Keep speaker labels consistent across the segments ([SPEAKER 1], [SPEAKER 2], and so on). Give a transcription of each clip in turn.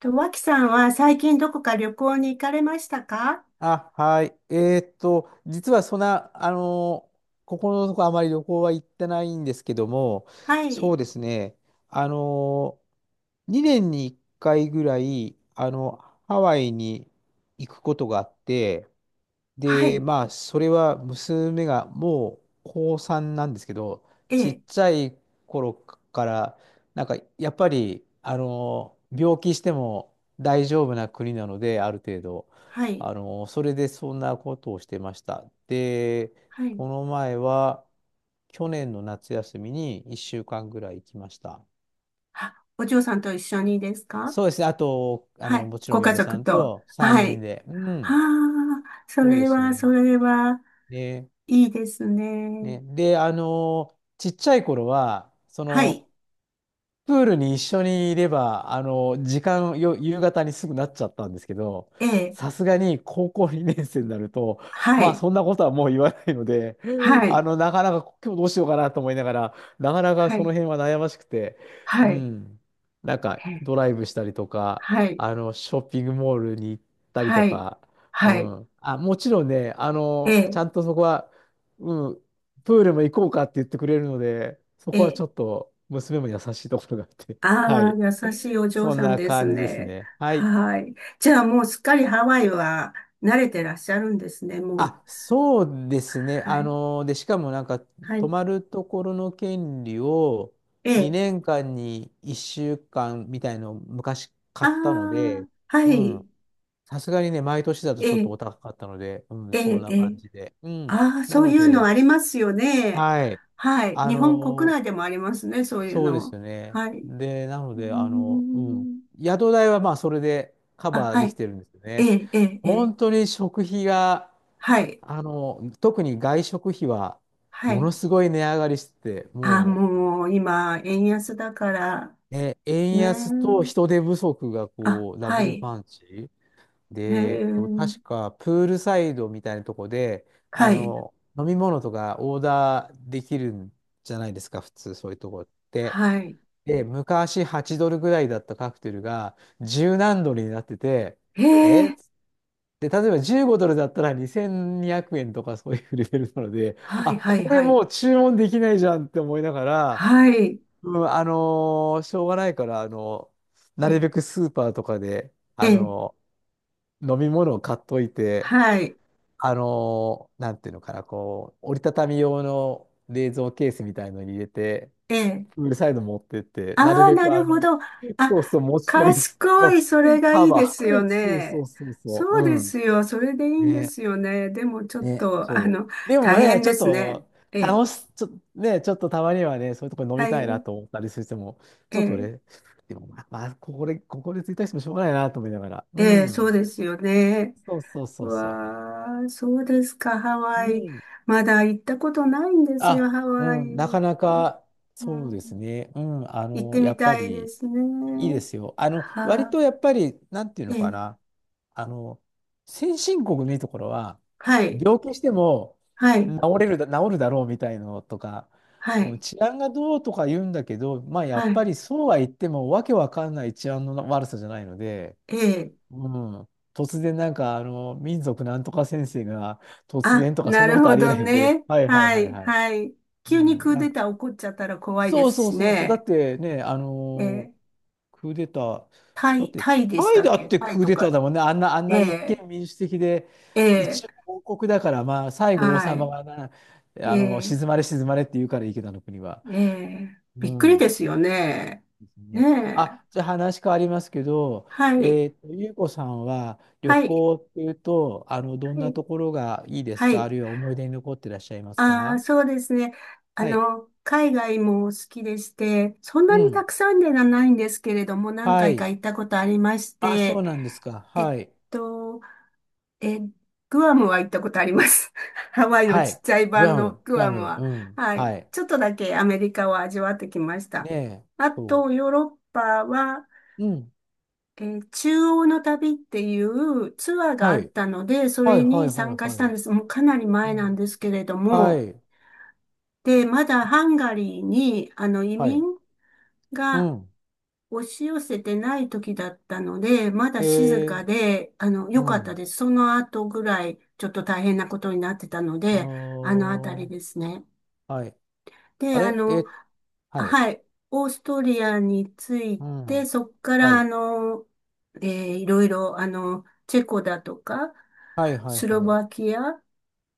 [SPEAKER 1] と、脇さんは最近どこか旅行に行かれましたか？
[SPEAKER 2] あ、はい。実はそんな、ここのとこあまり旅行は行ってないんですけども、
[SPEAKER 1] は
[SPEAKER 2] そ
[SPEAKER 1] い。
[SPEAKER 2] うですね、あの2年に1回ぐらい、ハワイに行くことがあって、
[SPEAKER 1] は
[SPEAKER 2] で、
[SPEAKER 1] い。
[SPEAKER 2] まあ、それは娘がもう高3なんですけど、
[SPEAKER 1] え
[SPEAKER 2] ちっ
[SPEAKER 1] え。
[SPEAKER 2] ちゃい頃から、なんかやっぱり、病気しても大丈夫な国なので、ある程度、
[SPEAKER 1] はい。
[SPEAKER 2] それでそんなことをしてました。で、
[SPEAKER 1] はい。
[SPEAKER 2] この前は、去年の夏休みに1週間ぐらい行きました。
[SPEAKER 1] あ、お嬢さんと一緒にですか？
[SPEAKER 2] そうですね。あと、
[SPEAKER 1] はい。
[SPEAKER 2] もちろ
[SPEAKER 1] ご
[SPEAKER 2] ん
[SPEAKER 1] 家
[SPEAKER 2] 嫁さ
[SPEAKER 1] 族
[SPEAKER 2] ん
[SPEAKER 1] と。
[SPEAKER 2] と3
[SPEAKER 1] は
[SPEAKER 2] 人
[SPEAKER 1] い。
[SPEAKER 2] で。う
[SPEAKER 1] あ
[SPEAKER 2] ん、
[SPEAKER 1] あ、そ
[SPEAKER 2] そうで
[SPEAKER 1] れ
[SPEAKER 2] す
[SPEAKER 1] は、そ
[SPEAKER 2] ね。
[SPEAKER 1] れは、
[SPEAKER 2] ね。
[SPEAKER 1] いいですね。
[SPEAKER 2] ね、で、ちっちゃい頃は、そ
[SPEAKER 1] はい。
[SPEAKER 2] の、プールに一緒にいれば、時間よ、夕方にすぐなっちゃったんですけど、
[SPEAKER 1] ええ。
[SPEAKER 2] さすがに高校2年生になると、
[SPEAKER 1] は
[SPEAKER 2] まあ、
[SPEAKER 1] い。
[SPEAKER 2] そんなことはもう言わないので、
[SPEAKER 1] はい。
[SPEAKER 2] なかなか今日どうしようかなと思いながら、なかなか
[SPEAKER 1] は
[SPEAKER 2] その
[SPEAKER 1] い。
[SPEAKER 2] 辺は悩ましくて、
[SPEAKER 1] は
[SPEAKER 2] う
[SPEAKER 1] い。
[SPEAKER 2] ん、なんか
[SPEAKER 1] え
[SPEAKER 2] ド
[SPEAKER 1] え、
[SPEAKER 2] ライブしたりとか、
[SPEAKER 1] はい。
[SPEAKER 2] ショッピングモールに行ったりと
[SPEAKER 1] はい。
[SPEAKER 2] か、う
[SPEAKER 1] はい。
[SPEAKER 2] ん、あ、もちろんね、
[SPEAKER 1] え
[SPEAKER 2] ちゃ
[SPEAKER 1] え。
[SPEAKER 2] んとそこは、うん、プールも行こうかって言ってくれるので、そ
[SPEAKER 1] え
[SPEAKER 2] こはち
[SPEAKER 1] え。
[SPEAKER 2] ょっと娘も優しいところがあって。は
[SPEAKER 1] ああ、
[SPEAKER 2] い。
[SPEAKER 1] 優しいお嬢
[SPEAKER 2] そん
[SPEAKER 1] さん
[SPEAKER 2] な
[SPEAKER 1] です
[SPEAKER 2] 感じです
[SPEAKER 1] ね。
[SPEAKER 2] ね。はい。
[SPEAKER 1] はい。じゃあもうすっかりハワイは慣れてらっしゃるんですね、もう。
[SPEAKER 2] あ、そうですね。
[SPEAKER 1] はい。
[SPEAKER 2] で、しかもなんか、
[SPEAKER 1] は
[SPEAKER 2] 泊
[SPEAKER 1] い。
[SPEAKER 2] まるところの権利を
[SPEAKER 1] ええ。
[SPEAKER 2] 2年間に1週間みたいのを昔
[SPEAKER 1] あ
[SPEAKER 2] 買ったの
[SPEAKER 1] あ、
[SPEAKER 2] で、
[SPEAKER 1] は
[SPEAKER 2] うん。
[SPEAKER 1] い。
[SPEAKER 2] さすがにね、毎年だと
[SPEAKER 1] え
[SPEAKER 2] ちょっ
[SPEAKER 1] え、
[SPEAKER 2] とお高かったので、うん、
[SPEAKER 1] え
[SPEAKER 2] そん
[SPEAKER 1] え、
[SPEAKER 2] な
[SPEAKER 1] え
[SPEAKER 2] 感
[SPEAKER 1] え。
[SPEAKER 2] じで。うん。
[SPEAKER 1] ああ、
[SPEAKER 2] な
[SPEAKER 1] そう
[SPEAKER 2] の
[SPEAKER 1] いうの
[SPEAKER 2] で、
[SPEAKER 1] ありますよね。
[SPEAKER 2] はい。
[SPEAKER 1] はい。
[SPEAKER 2] あ
[SPEAKER 1] 日本国
[SPEAKER 2] の、
[SPEAKER 1] 内でもありますね、そういう
[SPEAKER 2] そうです
[SPEAKER 1] の。
[SPEAKER 2] よね。
[SPEAKER 1] はい。う
[SPEAKER 2] で、なの
[SPEAKER 1] ー
[SPEAKER 2] で、うん。
[SPEAKER 1] ん。
[SPEAKER 2] 宿代はまあそれでカ
[SPEAKER 1] あ、
[SPEAKER 2] バー
[SPEAKER 1] は
[SPEAKER 2] でき
[SPEAKER 1] い。
[SPEAKER 2] てるんですよ
[SPEAKER 1] え
[SPEAKER 2] ね。
[SPEAKER 1] え、ええ、ええ。
[SPEAKER 2] 本当に食費が、
[SPEAKER 1] はい。
[SPEAKER 2] 特に外食費は
[SPEAKER 1] は
[SPEAKER 2] もの
[SPEAKER 1] い。
[SPEAKER 2] すごい値上がりしてて、
[SPEAKER 1] ああ、
[SPEAKER 2] も
[SPEAKER 1] もう今、円安だから、
[SPEAKER 2] う、ね、円安と
[SPEAKER 1] ね。
[SPEAKER 2] 人手不足が
[SPEAKER 1] あ、
[SPEAKER 2] こう、ダ
[SPEAKER 1] は
[SPEAKER 2] ブル
[SPEAKER 1] い。
[SPEAKER 2] パンチ。
[SPEAKER 1] へ
[SPEAKER 2] で、
[SPEAKER 1] え、
[SPEAKER 2] 確かプールサイドみたいなとこで、
[SPEAKER 1] はい、
[SPEAKER 2] 飲み物とかオーダーできるんじゃないですか、普通そういうとこって。
[SPEAKER 1] はい。
[SPEAKER 2] で、昔8ドルぐらいだったカクテルが10何ドルになってて、
[SPEAKER 1] へ
[SPEAKER 2] えっ
[SPEAKER 1] え、
[SPEAKER 2] つって例えば15ドルだったら2200円とかそういうレベルなので、
[SPEAKER 1] は
[SPEAKER 2] あ、
[SPEAKER 1] い、はい、
[SPEAKER 2] これ
[SPEAKER 1] は
[SPEAKER 2] も
[SPEAKER 1] い。
[SPEAKER 2] う注文できないじゃんって思いながら、
[SPEAKER 1] はい。
[SPEAKER 2] うん、しょうがないから、な
[SPEAKER 1] え、
[SPEAKER 2] るべくスーパーとかで、
[SPEAKER 1] え、
[SPEAKER 2] 飲み物を買っといて、
[SPEAKER 1] はい、
[SPEAKER 2] なんていうのかな、こう、折りたたみ用の冷蔵ケースみたいのに入れて、
[SPEAKER 1] え、
[SPEAKER 2] プールサイド持ってって、なる
[SPEAKER 1] ああ、
[SPEAKER 2] べ
[SPEAKER 1] な
[SPEAKER 2] く
[SPEAKER 1] るほど。
[SPEAKER 2] そうそ
[SPEAKER 1] あ、
[SPEAKER 2] う、持ち込みで、
[SPEAKER 1] 賢い、それが
[SPEAKER 2] カ
[SPEAKER 1] いいで
[SPEAKER 2] バ
[SPEAKER 1] すよ
[SPEAKER 2] ー、そうそう
[SPEAKER 1] ね。
[SPEAKER 2] そうそう、
[SPEAKER 1] そうで
[SPEAKER 2] うん。
[SPEAKER 1] すよ、それでいいんで
[SPEAKER 2] ね、
[SPEAKER 1] すよね。でもちょっ
[SPEAKER 2] ね、
[SPEAKER 1] と、
[SPEAKER 2] そう。でも
[SPEAKER 1] 大
[SPEAKER 2] ね、
[SPEAKER 1] 変
[SPEAKER 2] ちょ
[SPEAKER 1] で
[SPEAKER 2] っ
[SPEAKER 1] すね。
[SPEAKER 2] と、
[SPEAKER 1] え、
[SPEAKER 2] 楽し、ちょ、ね、ちょっとたまにはね、そういうところ飲み
[SPEAKER 1] は
[SPEAKER 2] たいな
[SPEAKER 1] い、
[SPEAKER 2] と思ったりしても、ちょっと
[SPEAKER 1] え、
[SPEAKER 2] ね、でもまあ、まあここで、ついたしてもしょうがないなと思いながら、う
[SPEAKER 1] え、そう
[SPEAKER 2] ん。
[SPEAKER 1] ですよね。
[SPEAKER 2] そうそう
[SPEAKER 1] う
[SPEAKER 2] そうそ
[SPEAKER 1] わあ、そうですか、ハ
[SPEAKER 2] う。う
[SPEAKER 1] ワイ。
[SPEAKER 2] ん
[SPEAKER 1] まだ行ったことないんですよ、
[SPEAKER 2] あ、
[SPEAKER 1] ハワ
[SPEAKER 2] うん、なか
[SPEAKER 1] イ。
[SPEAKER 2] なか
[SPEAKER 1] う
[SPEAKER 2] そうです
[SPEAKER 1] ん、
[SPEAKER 2] ね。うん、
[SPEAKER 1] 行って
[SPEAKER 2] や
[SPEAKER 1] み
[SPEAKER 2] っぱ
[SPEAKER 1] たいで
[SPEAKER 2] り
[SPEAKER 1] す
[SPEAKER 2] いいで
[SPEAKER 1] ね。
[SPEAKER 2] すよ。
[SPEAKER 1] は
[SPEAKER 2] 割
[SPEAKER 1] あ、
[SPEAKER 2] とやっぱり、なんていう
[SPEAKER 1] え
[SPEAKER 2] のか
[SPEAKER 1] え、
[SPEAKER 2] な。あの、先進国のいいところは、
[SPEAKER 1] はい、
[SPEAKER 2] 病気しても
[SPEAKER 1] はい、
[SPEAKER 2] 治るだろうみたいのとか、
[SPEAKER 1] は
[SPEAKER 2] うん、
[SPEAKER 1] い、
[SPEAKER 2] 治安がどうとか言うんだけど、まあや
[SPEAKER 1] は
[SPEAKER 2] っぱ
[SPEAKER 1] い、
[SPEAKER 2] りそうは言ってもわけわかんない治安の悪さじゃないので、
[SPEAKER 1] ええ、
[SPEAKER 2] うん、突然なんかあの民族なんとか先生が突
[SPEAKER 1] あ、
[SPEAKER 2] 然とかそ
[SPEAKER 1] な
[SPEAKER 2] んな
[SPEAKER 1] る
[SPEAKER 2] こと
[SPEAKER 1] ほ
[SPEAKER 2] ありえ
[SPEAKER 1] ど
[SPEAKER 2] ないので、
[SPEAKER 1] ね。
[SPEAKER 2] はいはい
[SPEAKER 1] は
[SPEAKER 2] はい
[SPEAKER 1] い、
[SPEAKER 2] はい。
[SPEAKER 1] はい。
[SPEAKER 2] う
[SPEAKER 1] 急に
[SPEAKER 2] ん、
[SPEAKER 1] クー
[SPEAKER 2] なん
[SPEAKER 1] デ
[SPEAKER 2] か
[SPEAKER 1] ター起こっちゃったら怖いで
[SPEAKER 2] そう
[SPEAKER 1] す
[SPEAKER 2] そう
[SPEAKER 1] し
[SPEAKER 2] そうそう。だっ
[SPEAKER 1] ね。
[SPEAKER 2] てね、
[SPEAKER 1] ええ、
[SPEAKER 2] クーデター、
[SPEAKER 1] タ
[SPEAKER 2] だっ
[SPEAKER 1] イ、
[SPEAKER 2] て、
[SPEAKER 1] タイでし
[SPEAKER 2] タ
[SPEAKER 1] た
[SPEAKER 2] イ
[SPEAKER 1] っ
[SPEAKER 2] だっ
[SPEAKER 1] け？
[SPEAKER 2] て
[SPEAKER 1] タイ
[SPEAKER 2] クー
[SPEAKER 1] と
[SPEAKER 2] デター
[SPEAKER 1] か。
[SPEAKER 2] だもんね。あん
[SPEAKER 1] え
[SPEAKER 2] な一
[SPEAKER 1] え、
[SPEAKER 2] 見民主的で、
[SPEAKER 1] ええ、
[SPEAKER 2] 一応王国だから、まあ、最後王
[SPEAKER 1] は
[SPEAKER 2] 様
[SPEAKER 1] い、
[SPEAKER 2] がな、
[SPEAKER 1] ええ、
[SPEAKER 2] 静まれ静まれって言うからいいけど、あの国は。
[SPEAKER 1] ええ、
[SPEAKER 2] う
[SPEAKER 1] びっくりで
[SPEAKER 2] ん。
[SPEAKER 1] すよね。
[SPEAKER 2] ですね。
[SPEAKER 1] ね
[SPEAKER 2] あ、
[SPEAKER 1] え、
[SPEAKER 2] じゃあ話変わりますけど、
[SPEAKER 1] はい、
[SPEAKER 2] ゆうこさんは旅
[SPEAKER 1] はい、
[SPEAKER 2] 行っていうと、どん
[SPEAKER 1] は
[SPEAKER 2] な
[SPEAKER 1] い、
[SPEAKER 2] ところがいいです
[SPEAKER 1] は
[SPEAKER 2] か？あ
[SPEAKER 1] い。
[SPEAKER 2] るいは思い出に残ってらっしゃいます
[SPEAKER 1] ああ、
[SPEAKER 2] か？
[SPEAKER 1] そうですね。
[SPEAKER 2] はい。
[SPEAKER 1] 海外も好きでして、そん
[SPEAKER 2] う
[SPEAKER 1] なにた
[SPEAKER 2] ん。
[SPEAKER 1] くさんではないんですけれども、何
[SPEAKER 2] は
[SPEAKER 1] 回か
[SPEAKER 2] い。
[SPEAKER 1] 行ったことありまし
[SPEAKER 2] あ、そ
[SPEAKER 1] て、
[SPEAKER 2] うなんですか。
[SPEAKER 1] えっ
[SPEAKER 2] はい。
[SPEAKER 1] と、え、グアムは行ったことあります。ハワイの
[SPEAKER 2] は
[SPEAKER 1] ちっ
[SPEAKER 2] い。
[SPEAKER 1] ちゃい
[SPEAKER 2] グ
[SPEAKER 1] 版
[SPEAKER 2] ア
[SPEAKER 1] の
[SPEAKER 2] ム、
[SPEAKER 1] グ
[SPEAKER 2] グア
[SPEAKER 1] アム
[SPEAKER 2] ム、
[SPEAKER 1] は。
[SPEAKER 2] うん。
[SPEAKER 1] はい。
[SPEAKER 2] はい。
[SPEAKER 1] ちょっとだけアメリカを味わってきまし
[SPEAKER 2] ね
[SPEAKER 1] た。
[SPEAKER 2] え、
[SPEAKER 1] あ
[SPEAKER 2] そ
[SPEAKER 1] と、ヨーロッパは、
[SPEAKER 2] う。うん。
[SPEAKER 1] 中央の旅っていうツアーが
[SPEAKER 2] は
[SPEAKER 1] あっ
[SPEAKER 2] い。
[SPEAKER 1] たので、そ
[SPEAKER 2] はい、
[SPEAKER 1] れ
[SPEAKER 2] はい、
[SPEAKER 1] に
[SPEAKER 2] はい、
[SPEAKER 1] 参加し
[SPEAKER 2] は
[SPEAKER 1] たん
[SPEAKER 2] い。
[SPEAKER 1] です。もうかなり
[SPEAKER 2] う
[SPEAKER 1] 前なん
[SPEAKER 2] ん。
[SPEAKER 1] ですけれど
[SPEAKER 2] は
[SPEAKER 1] も、
[SPEAKER 2] い。
[SPEAKER 1] で、まだハンガリーに、移
[SPEAKER 2] は
[SPEAKER 1] 民
[SPEAKER 2] い。う
[SPEAKER 1] が
[SPEAKER 2] ん。
[SPEAKER 1] 押し寄せてない時だったので、まだ静
[SPEAKER 2] へえ、
[SPEAKER 1] かで、
[SPEAKER 2] う
[SPEAKER 1] 良かった
[SPEAKER 2] ん。
[SPEAKER 1] です。その後ぐらい、ちょっと大変なことになってたの
[SPEAKER 2] あ
[SPEAKER 1] で、あのあたり
[SPEAKER 2] ー。
[SPEAKER 1] ですね。
[SPEAKER 2] はい。あ
[SPEAKER 1] で、
[SPEAKER 2] れえ、はい。
[SPEAKER 1] はい、オーストリアについ
[SPEAKER 2] う
[SPEAKER 1] て、
[SPEAKER 2] ん。
[SPEAKER 1] そこか
[SPEAKER 2] は
[SPEAKER 1] ら、
[SPEAKER 2] い。
[SPEAKER 1] えーいろいろ、チェコだとか、
[SPEAKER 2] はい、はい、
[SPEAKER 1] スロ
[SPEAKER 2] はい。
[SPEAKER 1] バキア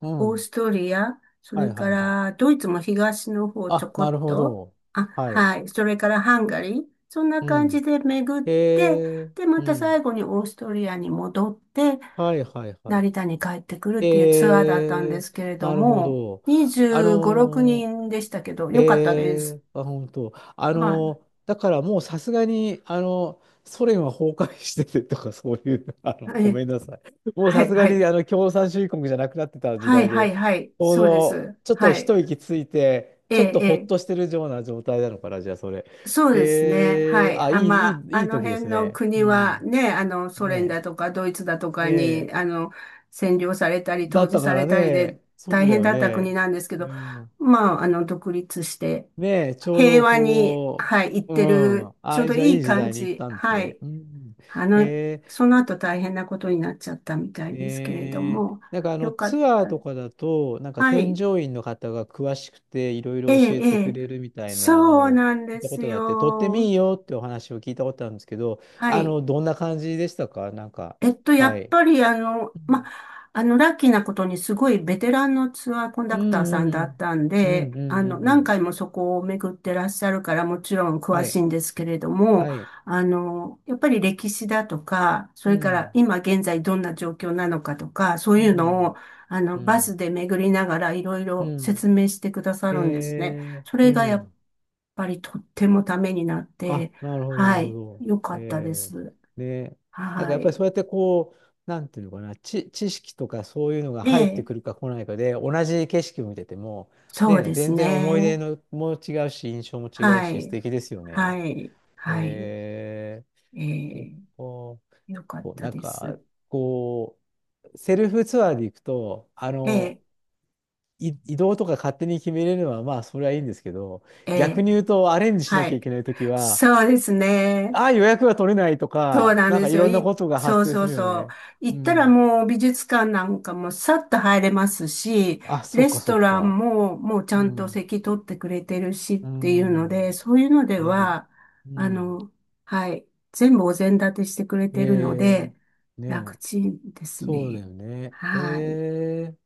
[SPEAKER 2] う
[SPEAKER 1] オー
[SPEAKER 2] ん。
[SPEAKER 1] ストリア、そ
[SPEAKER 2] はい、
[SPEAKER 1] れか
[SPEAKER 2] はい、はい。
[SPEAKER 1] らドイツも東の方ちょ
[SPEAKER 2] あ、
[SPEAKER 1] こ
[SPEAKER 2] な
[SPEAKER 1] っ
[SPEAKER 2] るほ
[SPEAKER 1] と、
[SPEAKER 2] ど。
[SPEAKER 1] あ、
[SPEAKER 2] はい。
[SPEAKER 1] はい、それからハンガリー、そんな
[SPEAKER 2] う
[SPEAKER 1] 感じ
[SPEAKER 2] ん。
[SPEAKER 1] で巡っ
[SPEAKER 2] へ
[SPEAKER 1] て、
[SPEAKER 2] え、
[SPEAKER 1] で、ま
[SPEAKER 2] う
[SPEAKER 1] た最
[SPEAKER 2] ん。
[SPEAKER 1] 後にオーストリアに戻って、
[SPEAKER 2] はい、はい、はい。
[SPEAKER 1] 成田に帰ってくるっていうツアーだったんで
[SPEAKER 2] え
[SPEAKER 1] す
[SPEAKER 2] ー、
[SPEAKER 1] けれど
[SPEAKER 2] なるほ
[SPEAKER 1] も、
[SPEAKER 2] ど。あ
[SPEAKER 1] 25、6
[SPEAKER 2] の
[SPEAKER 1] 人でしたけど、よかったです。
[SPEAKER 2] あ、本当。
[SPEAKER 1] はい。
[SPEAKER 2] だからもうさすがに、ソ連は崩壊しててとか、そういう、ご
[SPEAKER 1] え、
[SPEAKER 2] めんなさい。もう
[SPEAKER 1] は
[SPEAKER 2] さ
[SPEAKER 1] い、
[SPEAKER 2] すが
[SPEAKER 1] は
[SPEAKER 2] に、
[SPEAKER 1] い。
[SPEAKER 2] 共産主義国じゃなくなってた時
[SPEAKER 1] はい、
[SPEAKER 2] 代
[SPEAKER 1] は
[SPEAKER 2] で、
[SPEAKER 1] い、はい。
[SPEAKER 2] ちょう
[SPEAKER 1] そうで
[SPEAKER 2] ど、
[SPEAKER 1] す。
[SPEAKER 2] ちょっと
[SPEAKER 1] はい。
[SPEAKER 2] 一息ついて、
[SPEAKER 1] え
[SPEAKER 2] ちょっ
[SPEAKER 1] え、
[SPEAKER 2] と
[SPEAKER 1] え
[SPEAKER 2] ほっ
[SPEAKER 1] え。
[SPEAKER 2] としてるような状態なのかな、じゃあ、それ。
[SPEAKER 1] そうですね。は
[SPEAKER 2] えー、
[SPEAKER 1] い。
[SPEAKER 2] あ、
[SPEAKER 1] あ、まあ、あ
[SPEAKER 2] いい
[SPEAKER 1] の
[SPEAKER 2] 時で
[SPEAKER 1] 辺
[SPEAKER 2] す
[SPEAKER 1] の
[SPEAKER 2] ね。う
[SPEAKER 1] 国は
[SPEAKER 2] ん。
[SPEAKER 1] ね、ソ連
[SPEAKER 2] ね
[SPEAKER 1] だとかドイツだと
[SPEAKER 2] え。
[SPEAKER 1] かに、
[SPEAKER 2] ね
[SPEAKER 1] 占領されたり、
[SPEAKER 2] だ
[SPEAKER 1] 統
[SPEAKER 2] っ
[SPEAKER 1] 治
[SPEAKER 2] たか
[SPEAKER 1] され
[SPEAKER 2] ら
[SPEAKER 1] たりで
[SPEAKER 2] ね、そ
[SPEAKER 1] 大
[SPEAKER 2] うだ
[SPEAKER 1] 変
[SPEAKER 2] よ
[SPEAKER 1] だった国
[SPEAKER 2] ね。
[SPEAKER 1] なんですけ
[SPEAKER 2] う
[SPEAKER 1] ど、
[SPEAKER 2] ん。
[SPEAKER 1] まあ、独立して、
[SPEAKER 2] ねえ、ちょう
[SPEAKER 1] 平
[SPEAKER 2] ど
[SPEAKER 1] 和に、
[SPEAKER 2] こ
[SPEAKER 1] はい、行っ
[SPEAKER 2] う、う
[SPEAKER 1] てる、
[SPEAKER 2] ん。
[SPEAKER 1] ちょう
[SPEAKER 2] あ、
[SPEAKER 1] ど
[SPEAKER 2] じゃあ
[SPEAKER 1] い
[SPEAKER 2] い
[SPEAKER 1] い
[SPEAKER 2] い時
[SPEAKER 1] 感
[SPEAKER 2] 代に行っ
[SPEAKER 1] じ。
[SPEAKER 2] たんです
[SPEAKER 1] は
[SPEAKER 2] ね。
[SPEAKER 1] い。
[SPEAKER 2] うん。
[SPEAKER 1] あ
[SPEAKER 2] へ
[SPEAKER 1] の、
[SPEAKER 2] え、
[SPEAKER 1] その後大変なことになっちゃったみたいですけれど
[SPEAKER 2] ねえ。
[SPEAKER 1] も、
[SPEAKER 2] なんかあの
[SPEAKER 1] よかっ
[SPEAKER 2] ツアー
[SPEAKER 1] た。
[SPEAKER 2] とかだと、なんか
[SPEAKER 1] は
[SPEAKER 2] 添
[SPEAKER 1] い。
[SPEAKER 2] 乗員の方が詳しくていろい
[SPEAKER 1] え
[SPEAKER 2] ろ教
[SPEAKER 1] え、
[SPEAKER 2] えて
[SPEAKER 1] え
[SPEAKER 2] く
[SPEAKER 1] え。
[SPEAKER 2] れるみたいな
[SPEAKER 1] そう
[SPEAKER 2] を
[SPEAKER 1] なん
[SPEAKER 2] 聞
[SPEAKER 1] で
[SPEAKER 2] いたこ
[SPEAKER 1] す
[SPEAKER 2] とがあって、とっても
[SPEAKER 1] よ。
[SPEAKER 2] いいよってお話を聞いたことあるんですけど、
[SPEAKER 1] はい。
[SPEAKER 2] どんな感じでしたか？なんか、
[SPEAKER 1] や
[SPEAKER 2] は
[SPEAKER 1] っ
[SPEAKER 2] い。
[SPEAKER 1] ぱりま、ラッキーなことにすごいベテランのツアーコン
[SPEAKER 2] う
[SPEAKER 1] ダ
[SPEAKER 2] ん
[SPEAKER 1] クターさ
[SPEAKER 2] う
[SPEAKER 1] んだっ
[SPEAKER 2] ん
[SPEAKER 1] たん
[SPEAKER 2] うん。う
[SPEAKER 1] で、
[SPEAKER 2] んうんうんう
[SPEAKER 1] 何
[SPEAKER 2] ん。
[SPEAKER 1] 回もそこを巡ってらっしゃるからもちろん詳
[SPEAKER 2] は
[SPEAKER 1] し
[SPEAKER 2] い。
[SPEAKER 1] いんですけれども、
[SPEAKER 2] はい。
[SPEAKER 1] やっぱり歴史だとか、そ
[SPEAKER 2] う
[SPEAKER 1] れから
[SPEAKER 2] ん。
[SPEAKER 1] 今現在どんな状況なのかとか、そう
[SPEAKER 2] う
[SPEAKER 1] いうのを、
[SPEAKER 2] ん、う
[SPEAKER 1] バス
[SPEAKER 2] ん、
[SPEAKER 1] で巡りながらいろい
[SPEAKER 2] う
[SPEAKER 1] ろ
[SPEAKER 2] ん。
[SPEAKER 1] 説明してくださ
[SPEAKER 2] え
[SPEAKER 1] るんですね。
[SPEAKER 2] え、
[SPEAKER 1] そ
[SPEAKER 2] う
[SPEAKER 1] れがやっ
[SPEAKER 2] ん。
[SPEAKER 1] ぱりとってもためになっ
[SPEAKER 2] あ、
[SPEAKER 1] て、
[SPEAKER 2] なるほど、なる
[SPEAKER 1] は
[SPEAKER 2] ほ
[SPEAKER 1] い、
[SPEAKER 2] ど。
[SPEAKER 1] 良かったで
[SPEAKER 2] え
[SPEAKER 1] す。
[SPEAKER 2] え、ね。なんか
[SPEAKER 1] は
[SPEAKER 2] やっぱり
[SPEAKER 1] い。
[SPEAKER 2] そうやってこう、なんていうのかな、知識とかそういうのが
[SPEAKER 1] え
[SPEAKER 2] 入って
[SPEAKER 1] え、
[SPEAKER 2] くるか来ないかで、同じ景色を見てても、
[SPEAKER 1] そう
[SPEAKER 2] ね、
[SPEAKER 1] です
[SPEAKER 2] 全然思い出
[SPEAKER 1] ね。
[SPEAKER 2] のも違うし、印象も違う
[SPEAKER 1] は
[SPEAKER 2] し、素
[SPEAKER 1] い。
[SPEAKER 2] 敵ですよ
[SPEAKER 1] は
[SPEAKER 2] ね。
[SPEAKER 1] い。はい。
[SPEAKER 2] え
[SPEAKER 1] え
[SPEAKER 2] ー
[SPEAKER 1] ー、
[SPEAKER 2] お、お、
[SPEAKER 1] よかっ
[SPEAKER 2] そう
[SPEAKER 1] た
[SPEAKER 2] なん
[SPEAKER 1] で
[SPEAKER 2] か、
[SPEAKER 1] す。
[SPEAKER 2] こう、セルフツアーで行くと、
[SPEAKER 1] え
[SPEAKER 2] 移動とか勝手に決めれるのは、まあ、それはいいんですけど、
[SPEAKER 1] ー、
[SPEAKER 2] 逆
[SPEAKER 1] え
[SPEAKER 2] に
[SPEAKER 1] ー、
[SPEAKER 2] 言うと、アレンジしな
[SPEAKER 1] は
[SPEAKER 2] きゃ
[SPEAKER 1] い。
[SPEAKER 2] いけないときは、
[SPEAKER 1] そうですね。
[SPEAKER 2] ああ、予約が取れないと
[SPEAKER 1] そう
[SPEAKER 2] か、
[SPEAKER 1] なん
[SPEAKER 2] なん
[SPEAKER 1] で
[SPEAKER 2] か
[SPEAKER 1] す
[SPEAKER 2] い
[SPEAKER 1] よ。
[SPEAKER 2] ろんなことが
[SPEAKER 1] そ
[SPEAKER 2] 発
[SPEAKER 1] う
[SPEAKER 2] 生
[SPEAKER 1] そ
[SPEAKER 2] す
[SPEAKER 1] う
[SPEAKER 2] るよ
[SPEAKER 1] そう。
[SPEAKER 2] ね。う
[SPEAKER 1] 行ったら
[SPEAKER 2] ん。
[SPEAKER 1] もう美術館なんかもさっと入れますし、
[SPEAKER 2] あ、そ
[SPEAKER 1] レ
[SPEAKER 2] っか、
[SPEAKER 1] ス
[SPEAKER 2] そ
[SPEAKER 1] ト
[SPEAKER 2] っ
[SPEAKER 1] ラン
[SPEAKER 2] か。
[SPEAKER 1] ももうち
[SPEAKER 2] う
[SPEAKER 1] ゃんと
[SPEAKER 2] ん。
[SPEAKER 1] 席取ってくれてるしっ
[SPEAKER 2] う
[SPEAKER 1] ていうの
[SPEAKER 2] ん。
[SPEAKER 1] で、
[SPEAKER 2] ね
[SPEAKER 1] そういうので
[SPEAKER 2] え。
[SPEAKER 1] は、
[SPEAKER 2] う
[SPEAKER 1] あ
[SPEAKER 2] ん。
[SPEAKER 1] の、はい、全部お膳立てしてくれてるの
[SPEAKER 2] え
[SPEAKER 1] で、
[SPEAKER 2] え。ね
[SPEAKER 1] 楽
[SPEAKER 2] え。
[SPEAKER 1] ちんです
[SPEAKER 2] そうだ
[SPEAKER 1] ね。
[SPEAKER 2] よね。え
[SPEAKER 1] はい、
[SPEAKER 2] え。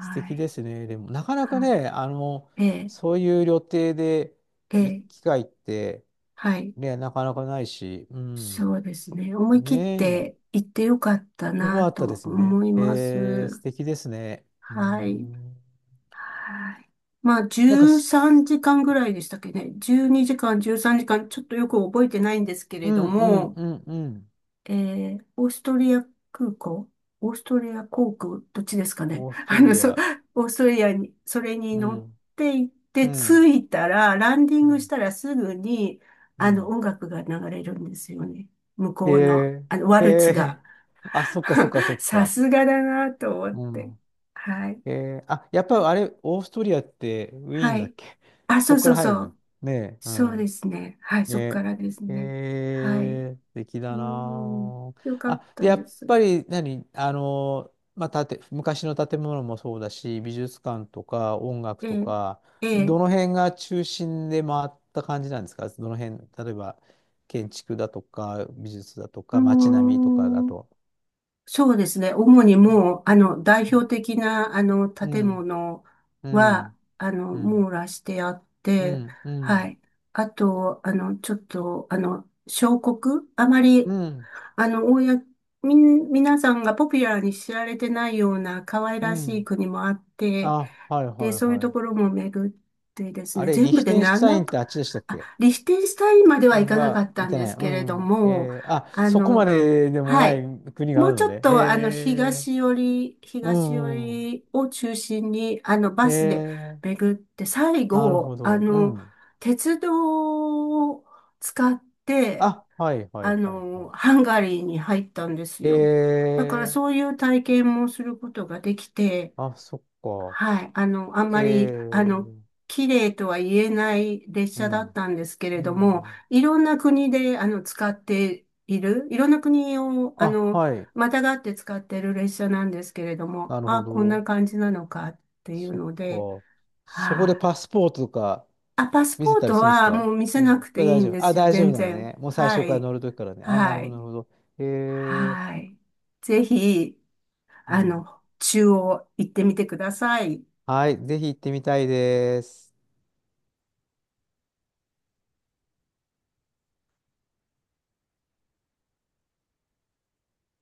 [SPEAKER 2] 素敵で
[SPEAKER 1] い、
[SPEAKER 2] すね。でも、なかなか
[SPEAKER 1] はい。
[SPEAKER 2] ね、
[SPEAKER 1] ええ、
[SPEAKER 2] そういう旅程で
[SPEAKER 1] え
[SPEAKER 2] 行く
[SPEAKER 1] え、
[SPEAKER 2] 機会って、
[SPEAKER 1] はい。
[SPEAKER 2] ね、なかなかないし、うん。
[SPEAKER 1] そうですね。思い切っ
[SPEAKER 2] ねえ。
[SPEAKER 1] て行ってよかった
[SPEAKER 2] よか
[SPEAKER 1] な
[SPEAKER 2] ったで
[SPEAKER 1] と
[SPEAKER 2] すね。
[SPEAKER 1] 思いま
[SPEAKER 2] えー、素
[SPEAKER 1] す。
[SPEAKER 2] 敵ですね。うー
[SPEAKER 1] はい。
[SPEAKER 2] ん。
[SPEAKER 1] はい。まあ、
[SPEAKER 2] なんか
[SPEAKER 1] 13
[SPEAKER 2] す、
[SPEAKER 1] 時間ぐらいでしたっけね。12時間、13時間、ちょっとよく覚えてないんですけ
[SPEAKER 2] う
[SPEAKER 1] れど
[SPEAKER 2] んうん
[SPEAKER 1] も、
[SPEAKER 2] うんうん。
[SPEAKER 1] えオーストリア空港オーストリア航空、どっちですかね？
[SPEAKER 2] オーストリア。
[SPEAKER 1] オーストリアに、それに
[SPEAKER 2] う
[SPEAKER 1] 乗っ
[SPEAKER 2] ん。
[SPEAKER 1] て行っ
[SPEAKER 2] う
[SPEAKER 1] て、着
[SPEAKER 2] ん。
[SPEAKER 1] いたら、ランディ
[SPEAKER 2] う
[SPEAKER 1] ングし
[SPEAKER 2] ん
[SPEAKER 1] たらすぐに、
[SPEAKER 2] うん。
[SPEAKER 1] 音楽が流れるんですよね。向
[SPEAKER 2] え
[SPEAKER 1] こうの、ワ
[SPEAKER 2] ー、へ
[SPEAKER 1] ルツが。
[SPEAKER 2] え あ、そっかそっかそ っ
[SPEAKER 1] さ
[SPEAKER 2] か。
[SPEAKER 1] すがだなと思っ
[SPEAKER 2] う
[SPEAKER 1] て。
[SPEAKER 2] ん。
[SPEAKER 1] はい。
[SPEAKER 2] へえあ、やっ
[SPEAKER 1] はい。
[SPEAKER 2] ぱあれ、オーストリアってウィー
[SPEAKER 1] は
[SPEAKER 2] ンだっ
[SPEAKER 1] い。
[SPEAKER 2] け？
[SPEAKER 1] あ、
[SPEAKER 2] そ
[SPEAKER 1] そ
[SPEAKER 2] っ
[SPEAKER 1] う
[SPEAKER 2] か
[SPEAKER 1] そ
[SPEAKER 2] ら
[SPEAKER 1] う
[SPEAKER 2] 入る
[SPEAKER 1] そ
[SPEAKER 2] の？
[SPEAKER 1] う。
[SPEAKER 2] ねえ。う
[SPEAKER 1] そうで
[SPEAKER 2] ん
[SPEAKER 1] すね。はい、そっか
[SPEAKER 2] ね。
[SPEAKER 1] らですね。はい。う
[SPEAKER 2] えー、素敵
[SPEAKER 1] ー
[SPEAKER 2] だ
[SPEAKER 1] ん、
[SPEAKER 2] な
[SPEAKER 1] よか
[SPEAKER 2] あ。
[SPEAKER 1] っ
[SPEAKER 2] あ、で、
[SPEAKER 1] た
[SPEAKER 2] や
[SPEAKER 1] で
[SPEAKER 2] っ
[SPEAKER 1] す。
[SPEAKER 2] ぱり何、まあ、昔の建物もそうだし、美術館とか音楽
[SPEAKER 1] え
[SPEAKER 2] と
[SPEAKER 1] え、
[SPEAKER 2] か、
[SPEAKER 1] え
[SPEAKER 2] ど
[SPEAKER 1] え、
[SPEAKER 2] の辺が中心で回った感じなんですか？どの辺、例えば建築だとか、美術だと
[SPEAKER 1] う
[SPEAKER 2] か、街
[SPEAKER 1] ー
[SPEAKER 2] 並みとかだ
[SPEAKER 1] ん、
[SPEAKER 2] と。
[SPEAKER 1] そうですね。主にも
[SPEAKER 2] う
[SPEAKER 1] う、代
[SPEAKER 2] ん、
[SPEAKER 1] 表的な、建物
[SPEAKER 2] うん、
[SPEAKER 1] は、
[SPEAKER 2] うん、うん、
[SPEAKER 1] 網羅してあっ
[SPEAKER 2] う
[SPEAKER 1] て、は
[SPEAKER 2] ん、
[SPEAKER 1] い。あと、ちょっと、小国あま
[SPEAKER 2] う
[SPEAKER 1] り、
[SPEAKER 2] ん、
[SPEAKER 1] 公みん、皆さんがポピュラーに知られてないような可愛
[SPEAKER 2] う
[SPEAKER 1] らしい
[SPEAKER 2] ん。
[SPEAKER 1] 国もあって、
[SPEAKER 2] あ、はい
[SPEAKER 1] で、
[SPEAKER 2] はい
[SPEAKER 1] そういう
[SPEAKER 2] は
[SPEAKER 1] と
[SPEAKER 2] い。
[SPEAKER 1] ころも巡ってです
[SPEAKER 2] あ
[SPEAKER 1] ね、
[SPEAKER 2] れ、
[SPEAKER 1] 全
[SPEAKER 2] リ
[SPEAKER 1] 部
[SPEAKER 2] ヒ
[SPEAKER 1] で
[SPEAKER 2] テンシュタイ
[SPEAKER 1] 7
[SPEAKER 2] ンっ
[SPEAKER 1] か、
[SPEAKER 2] てあっちでしたっ
[SPEAKER 1] あ、
[SPEAKER 2] け？
[SPEAKER 1] リヒテンシュタインまでは
[SPEAKER 2] 財
[SPEAKER 1] 行
[SPEAKER 2] 布
[SPEAKER 1] かなか
[SPEAKER 2] は
[SPEAKER 1] った
[SPEAKER 2] い
[SPEAKER 1] ん
[SPEAKER 2] て
[SPEAKER 1] で
[SPEAKER 2] ない。
[SPEAKER 1] す
[SPEAKER 2] う
[SPEAKER 1] けれど
[SPEAKER 2] ん、うん。
[SPEAKER 1] も、
[SPEAKER 2] えー、あ、
[SPEAKER 1] あ
[SPEAKER 2] そこま
[SPEAKER 1] の、
[SPEAKER 2] ででも
[SPEAKER 1] は
[SPEAKER 2] ない
[SPEAKER 1] い。
[SPEAKER 2] 国が
[SPEAKER 1] も
[SPEAKER 2] あ
[SPEAKER 1] う
[SPEAKER 2] る
[SPEAKER 1] ち
[SPEAKER 2] の
[SPEAKER 1] ょっ
[SPEAKER 2] で。へ
[SPEAKER 1] と、
[SPEAKER 2] え。
[SPEAKER 1] 東寄り、
[SPEAKER 2] う
[SPEAKER 1] 東寄
[SPEAKER 2] ん、うん。
[SPEAKER 1] りを中心に、
[SPEAKER 2] へ
[SPEAKER 1] バスで
[SPEAKER 2] え。
[SPEAKER 1] 巡って、最
[SPEAKER 2] なるほ
[SPEAKER 1] 後、
[SPEAKER 2] ど。うん。
[SPEAKER 1] 鉄道を使って、
[SPEAKER 2] あ、はいはいはいはい。
[SPEAKER 1] ハンガリーに入ったんです
[SPEAKER 2] え
[SPEAKER 1] よ。だから、
[SPEAKER 2] ー、
[SPEAKER 1] そういう体験もすることができて、
[SPEAKER 2] あ、そっか。
[SPEAKER 1] はい。あん
[SPEAKER 2] え
[SPEAKER 1] まり、
[SPEAKER 2] ー、
[SPEAKER 1] 綺麗とは言えない列
[SPEAKER 2] う
[SPEAKER 1] 車だっ
[SPEAKER 2] ん。
[SPEAKER 1] たんですけれ
[SPEAKER 2] う
[SPEAKER 1] ども、
[SPEAKER 2] ん。
[SPEAKER 1] いろんな国で、使っている、いろんな国を、
[SPEAKER 2] あ、はい。
[SPEAKER 1] またがって使ってる列車なんですけれども、
[SPEAKER 2] なる
[SPEAKER 1] あ、
[SPEAKER 2] ほ
[SPEAKER 1] こんな
[SPEAKER 2] ど。
[SPEAKER 1] 感じなのかっていう
[SPEAKER 2] そっ
[SPEAKER 1] ので、
[SPEAKER 2] か。そこで
[SPEAKER 1] はい。
[SPEAKER 2] パスポートとか
[SPEAKER 1] あ、パス
[SPEAKER 2] 見せ
[SPEAKER 1] ポー
[SPEAKER 2] たり
[SPEAKER 1] ト
[SPEAKER 2] するんです
[SPEAKER 1] は
[SPEAKER 2] か？
[SPEAKER 1] もう見せ
[SPEAKER 2] う
[SPEAKER 1] な
[SPEAKER 2] ん。
[SPEAKER 1] く
[SPEAKER 2] そ
[SPEAKER 1] て
[SPEAKER 2] れ
[SPEAKER 1] い
[SPEAKER 2] 大
[SPEAKER 1] いん
[SPEAKER 2] 丈
[SPEAKER 1] で
[SPEAKER 2] 夫。あ、
[SPEAKER 1] すよ、
[SPEAKER 2] 大丈夫
[SPEAKER 1] 全
[SPEAKER 2] なの
[SPEAKER 1] 然。
[SPEAKER 2] ね。もう最
[SPEAKER 1] は
[SPEAKER 2] 初から
[SPEAKER 1] い。
[SPEAKER 2] 乗るときからね。あ、なる
[SPEAKER 1] は
[SPEAKER 2] ほど、な
[SPEAKER 1] い。
[SPEAKER 2] るほど。へえ。
[SPEAKER 1] はい。ぜひ、
[SPEAKER 2] うん。
[SPEAKER 1] 中央行ってみてください。
[SPEAKER 2] はい、ぜひ行ってみたいです。